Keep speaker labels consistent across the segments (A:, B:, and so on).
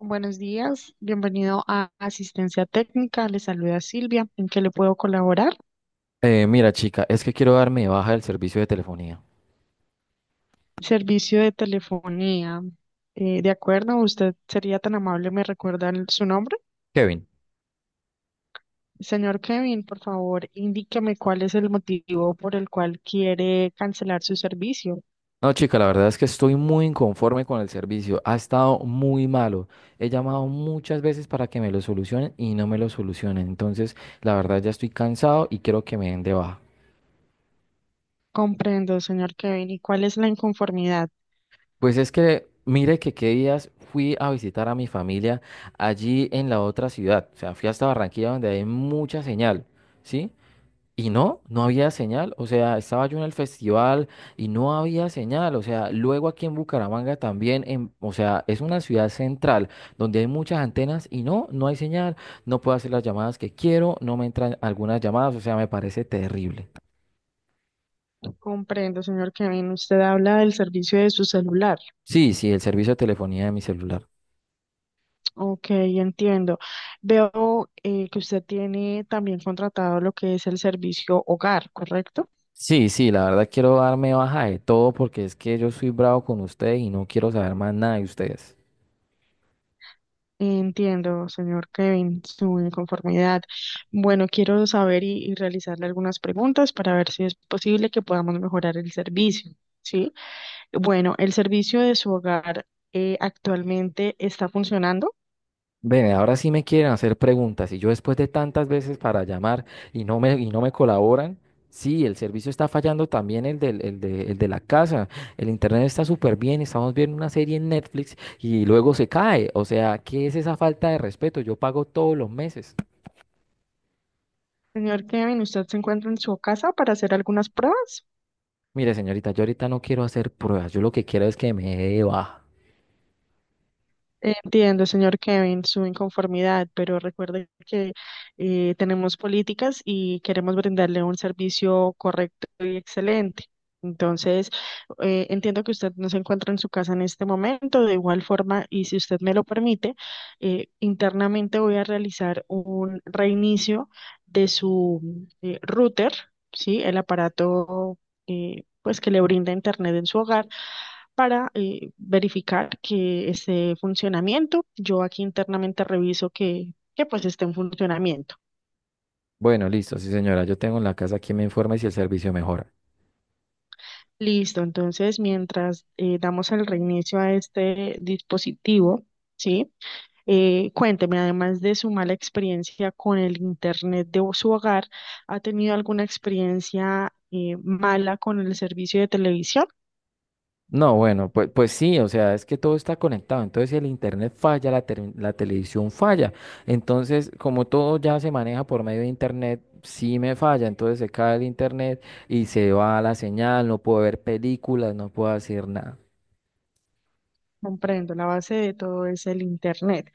A: Buenos días, bienvenido a Asistencia Técnica. Le saluda Silvia. ¿En qué le puedo colaborar?
B: Mira, chica, es que quiero darme de baja del servicio de telefonía.
A: Servicio de telefonía. De acuerdo, usted sería tan amable, ¿me recuerda su nombre?
B: Kevin.
A: Señor Kevin, por favor, indíqueme cuál es el motivo por el cual quiere cancelar su servicio.
B: No, chica, la verdad es que estoy muy inconforme con el servicio. Ha estado muy malo. He llamado muchas veces para que me lo solucionen y no me lo solucionen. Entonces, la verdad ya estoy cansado y quiero que me den de baja.
A: Comprendo, señor Kevin. ¿Y cuál es la inconformidad?
B: Pues es que, mire que qué días fui a visitar a mi familia allí en la otra ciudad. O sea, fui hasta Barranquilla donde hay mucha señal, ¿sí? Y no, no había señal, o sea, estaba yo en el festival y no había señal, o sea, luego aquí en Bucaramanga también, o sea, es una ciudad central donde hay muchas antenas y no, no hay señal, no puedo hacer las llamadas que quiero, no me entran algunas llamadas, o sea, me parece terrible.
A: Comprendo, señor Kevin. Usted habla del servicio de su celular.
B: Sí, sí, el servicio de telefonía de mi celular.
A: Ok, entiendo. Veo que usted tiene también contratado lo que es el servicio hogar, ¿correcto?
B: Sí, sí, la verdad quiero darme baja de todo porque es que yo soy bravo con ustedes y no quiero saber más nada de ustedes.
A: Entiendo, señor Kevin, su inconformidad. Bueno, quiero saber y realizarle algunas preguntas para ver si es posible que podamos mejorar el servicio, ¿sí? Bueno, el servicio de su hogar actualmente está funcionando.
B: Ven, ahora sí me quieren hacer preguntas y yo después de tantas veces para llamar y no me colaboran, sí, el servicio está fallando también el de la casa, el internet está súper bien, estamos viendo una serie en Netflix y luego se cae, o sea, ¿qué es esa falta de respeto? Yo pago todos los meses.
A: Señor Kevin, ¿usted se encuentra en su casa para hacer algunas pruebas?
B: Mire, señorita, yo ahorita no quiero hacer pruebas, yo lo que quiero es que me dé de baja.
A: Entiendo, señor Kevin, su inconformidad, pero recuerde que tenemos políticas y queremos brindarle un servicio correcto y excelente. Entonces, entiendo que usted no se encuentra en su casa en este momento. De igual forma, y si usted me lo permite, internamente voy a realizar un reinicio de su router, ¿sí? El aparato pues que le brinda internet en su hogar para verificar que esté en funcionamiento. Yo aquí internamente reviso que pues esté en funcionamiento.
B: Bueno, listo, sí, señora, yo tengo en la casa quien me informe si el servicio mejora.
A: Listo, entonces mientras damos el reinicio a este dispositivo, ¿sí? Cuénteme, además de su mala experiencia con el internet de su hogar, ¿ha tenido alguna experiencia mala con el servicio de televisión?
B: No, bueno, pues sí, o sea, es que todo está conectado. Entonces, si el internet falla, la televisión falla. Entonces, como todo ya se maneja por medio de internet, sí me falla. Entonces se cae el internet y se va la señal, no puedo ver películas, no puedo hacer nada.
A: Comprendo, la base de todo es el Internet.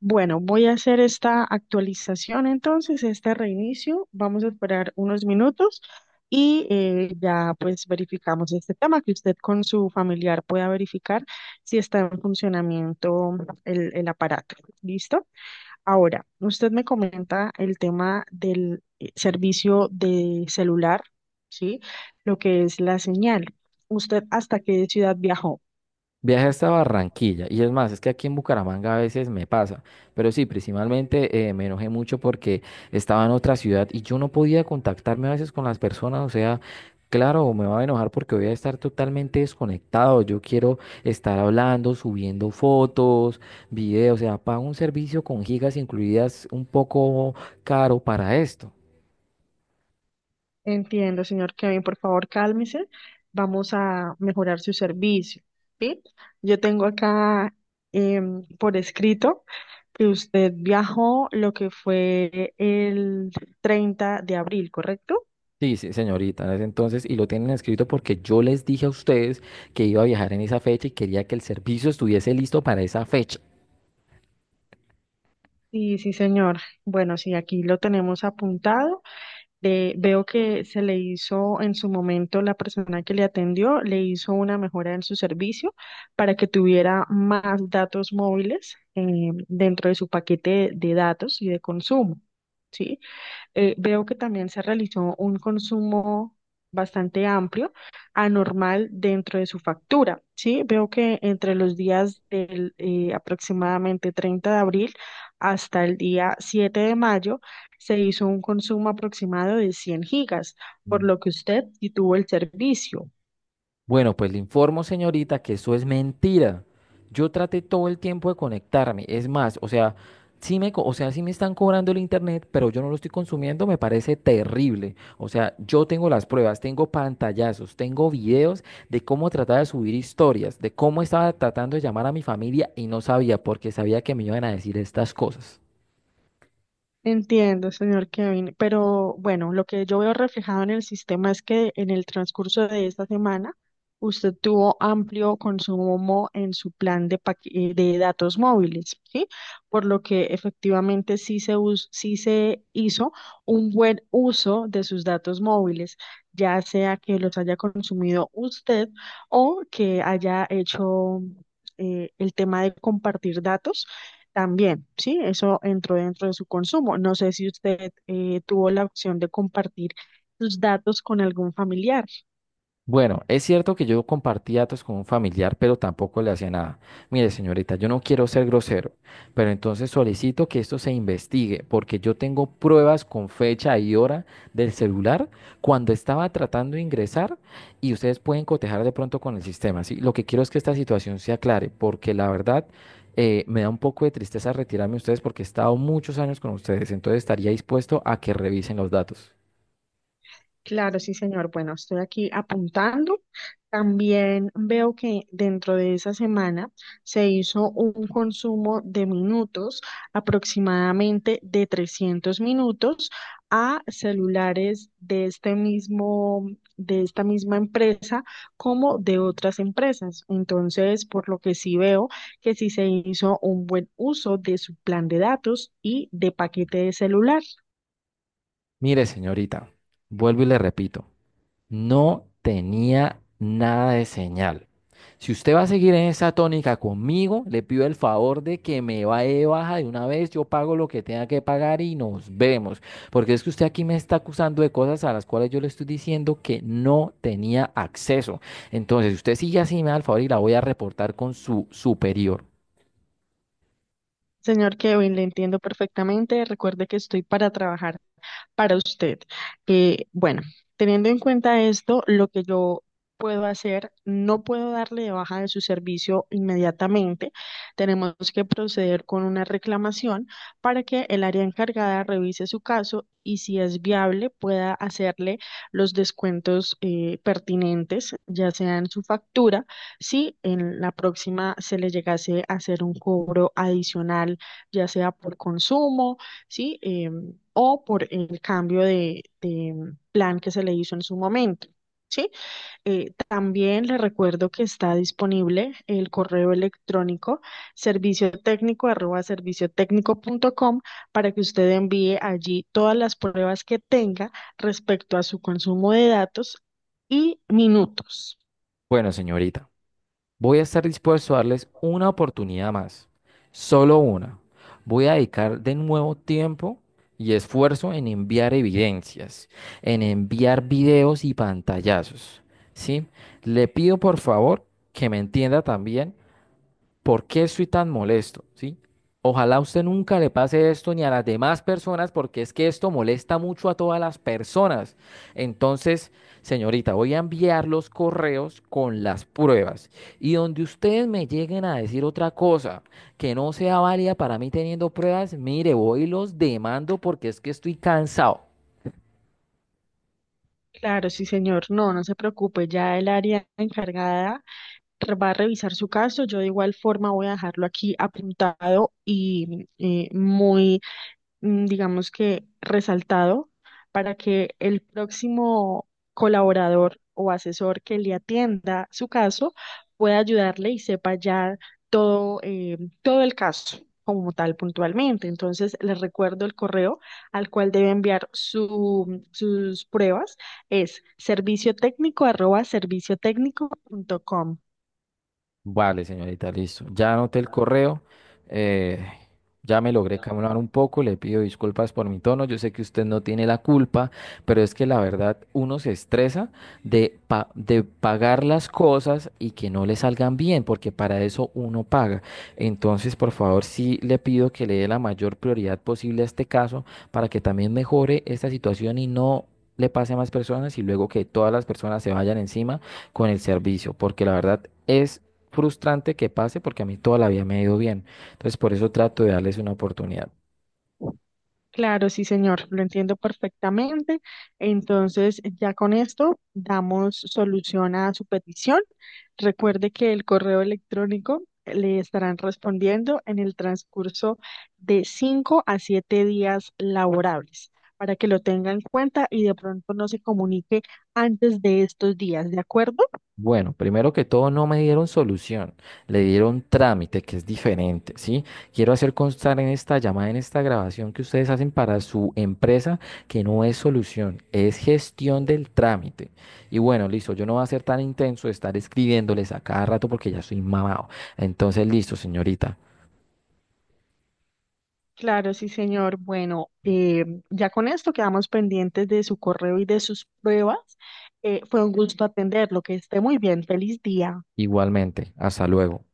A: Bueno, voy a hacer esta actualización entonces, este reinicio. Vamos a esperar unos minutos y ya pues verificamos este tema, que usted con su familiar pueda verificar si está en funcionamiento el aparato. ¿Listo? Ahora, usted me comenta el tema del servicio de celular, ¿sí? Lo que es la señal. ¿Usted hasta qué ciudad viajó?
B: Viaje hasta Barranquilla. Y es más, es que aquí en Bucaramanga a veces me pasa. Pero sí, principalmente me enojé mucho porque estaba en otra ciudad y yo no podía contactarme a veces con las personas. O sea, claro, me va a enojar porque voy a estar totalmente desconectado. Yo quiero estar hablando, subiendo fotos, videos. O sea, pago un servicio con gigas incluidas un poco caro para esto.
A: Entiendo, señor Kevin, por favor, cálmese. Vamos a mejorar su servicio, ¿sí? Yo tengo acá por escrito que usted viajó lo que fue el 30 de abril, ¿correcto?
B: Sí, sí, señorita, en ese entonces, y lo tienen escrito porque yo les dije a ustedes que iba a viajar en esa fecha. Y quería que el servicio estuviese listo para esa fecha.
A: Sí, sí, señor. Bueno, sí, aquí lo tenemos apuntado. Veo que se le hizo en su momento la persona que le atendió, le hizo una mejora en su servicio para que tuviera más datos móviles dentro de su paquete de datos y de consumo, ¿sí? Veo que también se realizó un consumo bastante amplio, anormal dentro de su factura, ¿sí? Veo que entre los días del aproximadamente 30 de abril hasta el día 7 de mayo se hizo un consumo aproximado de 100 gigas, por lo que usted sí tuvo el servicio.
B: Bueno, pues le informo, señorita, que eso es mentira. Yo traté todo el tiempo de conectarme. Es más, o sea, o sea, sí me están cobrando el internet, pero yo no lo estoy consumiendo, me parece terrible. O sea, yo tengo las pruebas, tengo pantallazos, tengo videos de cómo trataba de subir historias, de cómo estaba tratando de llamar a mi familia y no sabía porque sabía que me iban a decir estas cosas.
A: Entiendo, señor Kevin, pero bueno, lo que yo veo reflejado en el sistema es que en el transcurso de esta semana usted tuvo amplio consumo en su plan de datos móviles, ¿sí? Por lo que efectivamente sí se hizo un buen uso de sus datos móviles, ya sea que los haya consumido usted o que haya hecho el tema de compartir datos también, sí, eso entró dentro de su consumo. No sé si usted tuvo la opción de compartir sus datos con algún familiar.
B: Bueno, es cierto que yo compartí datos con un familiar, pero tampoco le hacía nada. Mire, señorita, yo no quiero ser grosero, pero entonces solicito que esto se investigue, porque yo tengo pruebas con fecha y hora del celular cuando estaba tratando de ingresar y ustedes pueden cotejar de pronto con el sistema, ¿sí? Lo que quiero es que esta situación se aclare, porque la verdad me da un poco de tristeza retirarme de ustedes porque he estado muchos años con ustedes, entonces estaría dispuesto a que revisen los datos.
A: Claro, sí, señor. Bueno, estoy aquí apuntando. También veo que dentro de esa semana se hizo un consumo de minutos, aproximadamente de 300 minutos, a celulares de este mismo, de esta misma empresa como de otras empresas. Entonces, por lo que sí veo que sí se hizo un buen uso de su plan de datos y de paquete de celular.
B: Mire, señorita, vuelvo y le repito. No tenía nada de señal. Si usted va a seguir en esa tónica conmigo, le pido el favor de que me vaya de baja de una vez, yo pago lo que tenga que pagar y nos vemos. Porque es que usted aquí me está acusando de cosas a las cuales yo le estoy diciendo que no tenía acceso. Entonces, si usted sigue así, me da el favor y la voy a reportar con su superior.
A: Señor Kevin, le entiendo perfectamente. Recuerde que estoy para trabajar para usted. Bueno, teniendo en cuenta esto, lo que yo puedo hacer, no puedo darle de baja de su servicio inmediatamente. Tenemos que proceder con una reclamación para que el área encargada revise su caso y si es viable pueda hacerle los descuentos pertinentes, ya sea en su factura, si en la próxima se le llegase a hacer un cobro adicional, ya sea por consumo. ¿Sí? O por el cambio de plan que se le hizo en su momento. ¿Sí? También le recuerdo que está disponible el correo electrónico servicio técnico arroba servicio técnico punto com para que usted envíe allí todas las pruebas que tenga respecto a su consumo de datos y minutos.
B: Bueno, señorita. Voy a estar dispuesto a darles una oportunidad más, solo una. Voy a dedicar de nuevo tiempo y esfuerzo en enviar evidencias, en enviar videos y pantallazos, ¿sí? Le pido por favor que me entienda también. ¿Por qué estoy tan molesto? ¿Sí? Ojalá a usted nunca le pase esto ni a las demás personas porque es que esto molesta mucho a todas las personas. Entonces, señorita, voy a enviar los correos con las pruebas y donde ustedes me lleguen a decir otra cosa que no sea válida para mí teniendo pruebas, mire, voy y los demando porque es que estoy cansado.
A: Claro, sí, señor. No, no se preocupe. Ya el área encargada va a revisar su caso. Yo de igual forma voy a dejarlo aquí apuntado y muy, digamos que resaltado para que el próximo colaborador o asesor que le atienda su caso pueda ayudarle y sepa ya todo el caso como tal puntualmente. Entonces, les recuerdo el correo al cual debe enviar sus pruebas. Es serviciotecnico@serviciotecnico.com.
B: Vale, señorita, listo. Ya anoté el correo. eh, ya me logré calmar un poco. Le pido disculpas por mi tono. Yo sé que usted no tiene la culpa, pero es que la verdad uno se estresa de pagar las cosas y que no le salgan bien, porque para eso uno paga. Entonces, por favor, sí le pido que le dé la mayor prioridad posible a este caso para que también mejore esta situación y no le pase a más personas y luego que todas las personas se vayan encima con el servicio, porque la verdad es frustrante que pase porque a mí toda la vida me ha ido bien. Entonces, por eso trato de darles una oportunidad.
A: Claro, sí, señor, lo entiendo perfectamente. Entonces, ya con esto damos solución a su petición. Recuerde que el correo electrónico le estarán respondiendo en el transcurso de 5 a 7 días laborables para que lo tenga en cuenta y de pronto no se comunique antes de estos días, ¿de acuerdo?
B: Bueno, primero que todo, no me dieron solución, le dieron trámite, que es diferente, ¿sí? Quiero hacer constar en esta llamada, en esta grabación que ustedes hacen para su empresa, que no es solución, es gestión del trámite. Y bueno, listo, yo no voy a ser tan intenso de estar escribiéndoles a cada rato porque ya soy mamado. Entonces, listo, señorita,
A: Claro, sí, señor. Bueno, ya con esto quedamos pendientes de su correo y de sus pruebas. Fue un gusto atenderlo. Que esté muy bien. Feliz día.
B: igualmente, hasta luego.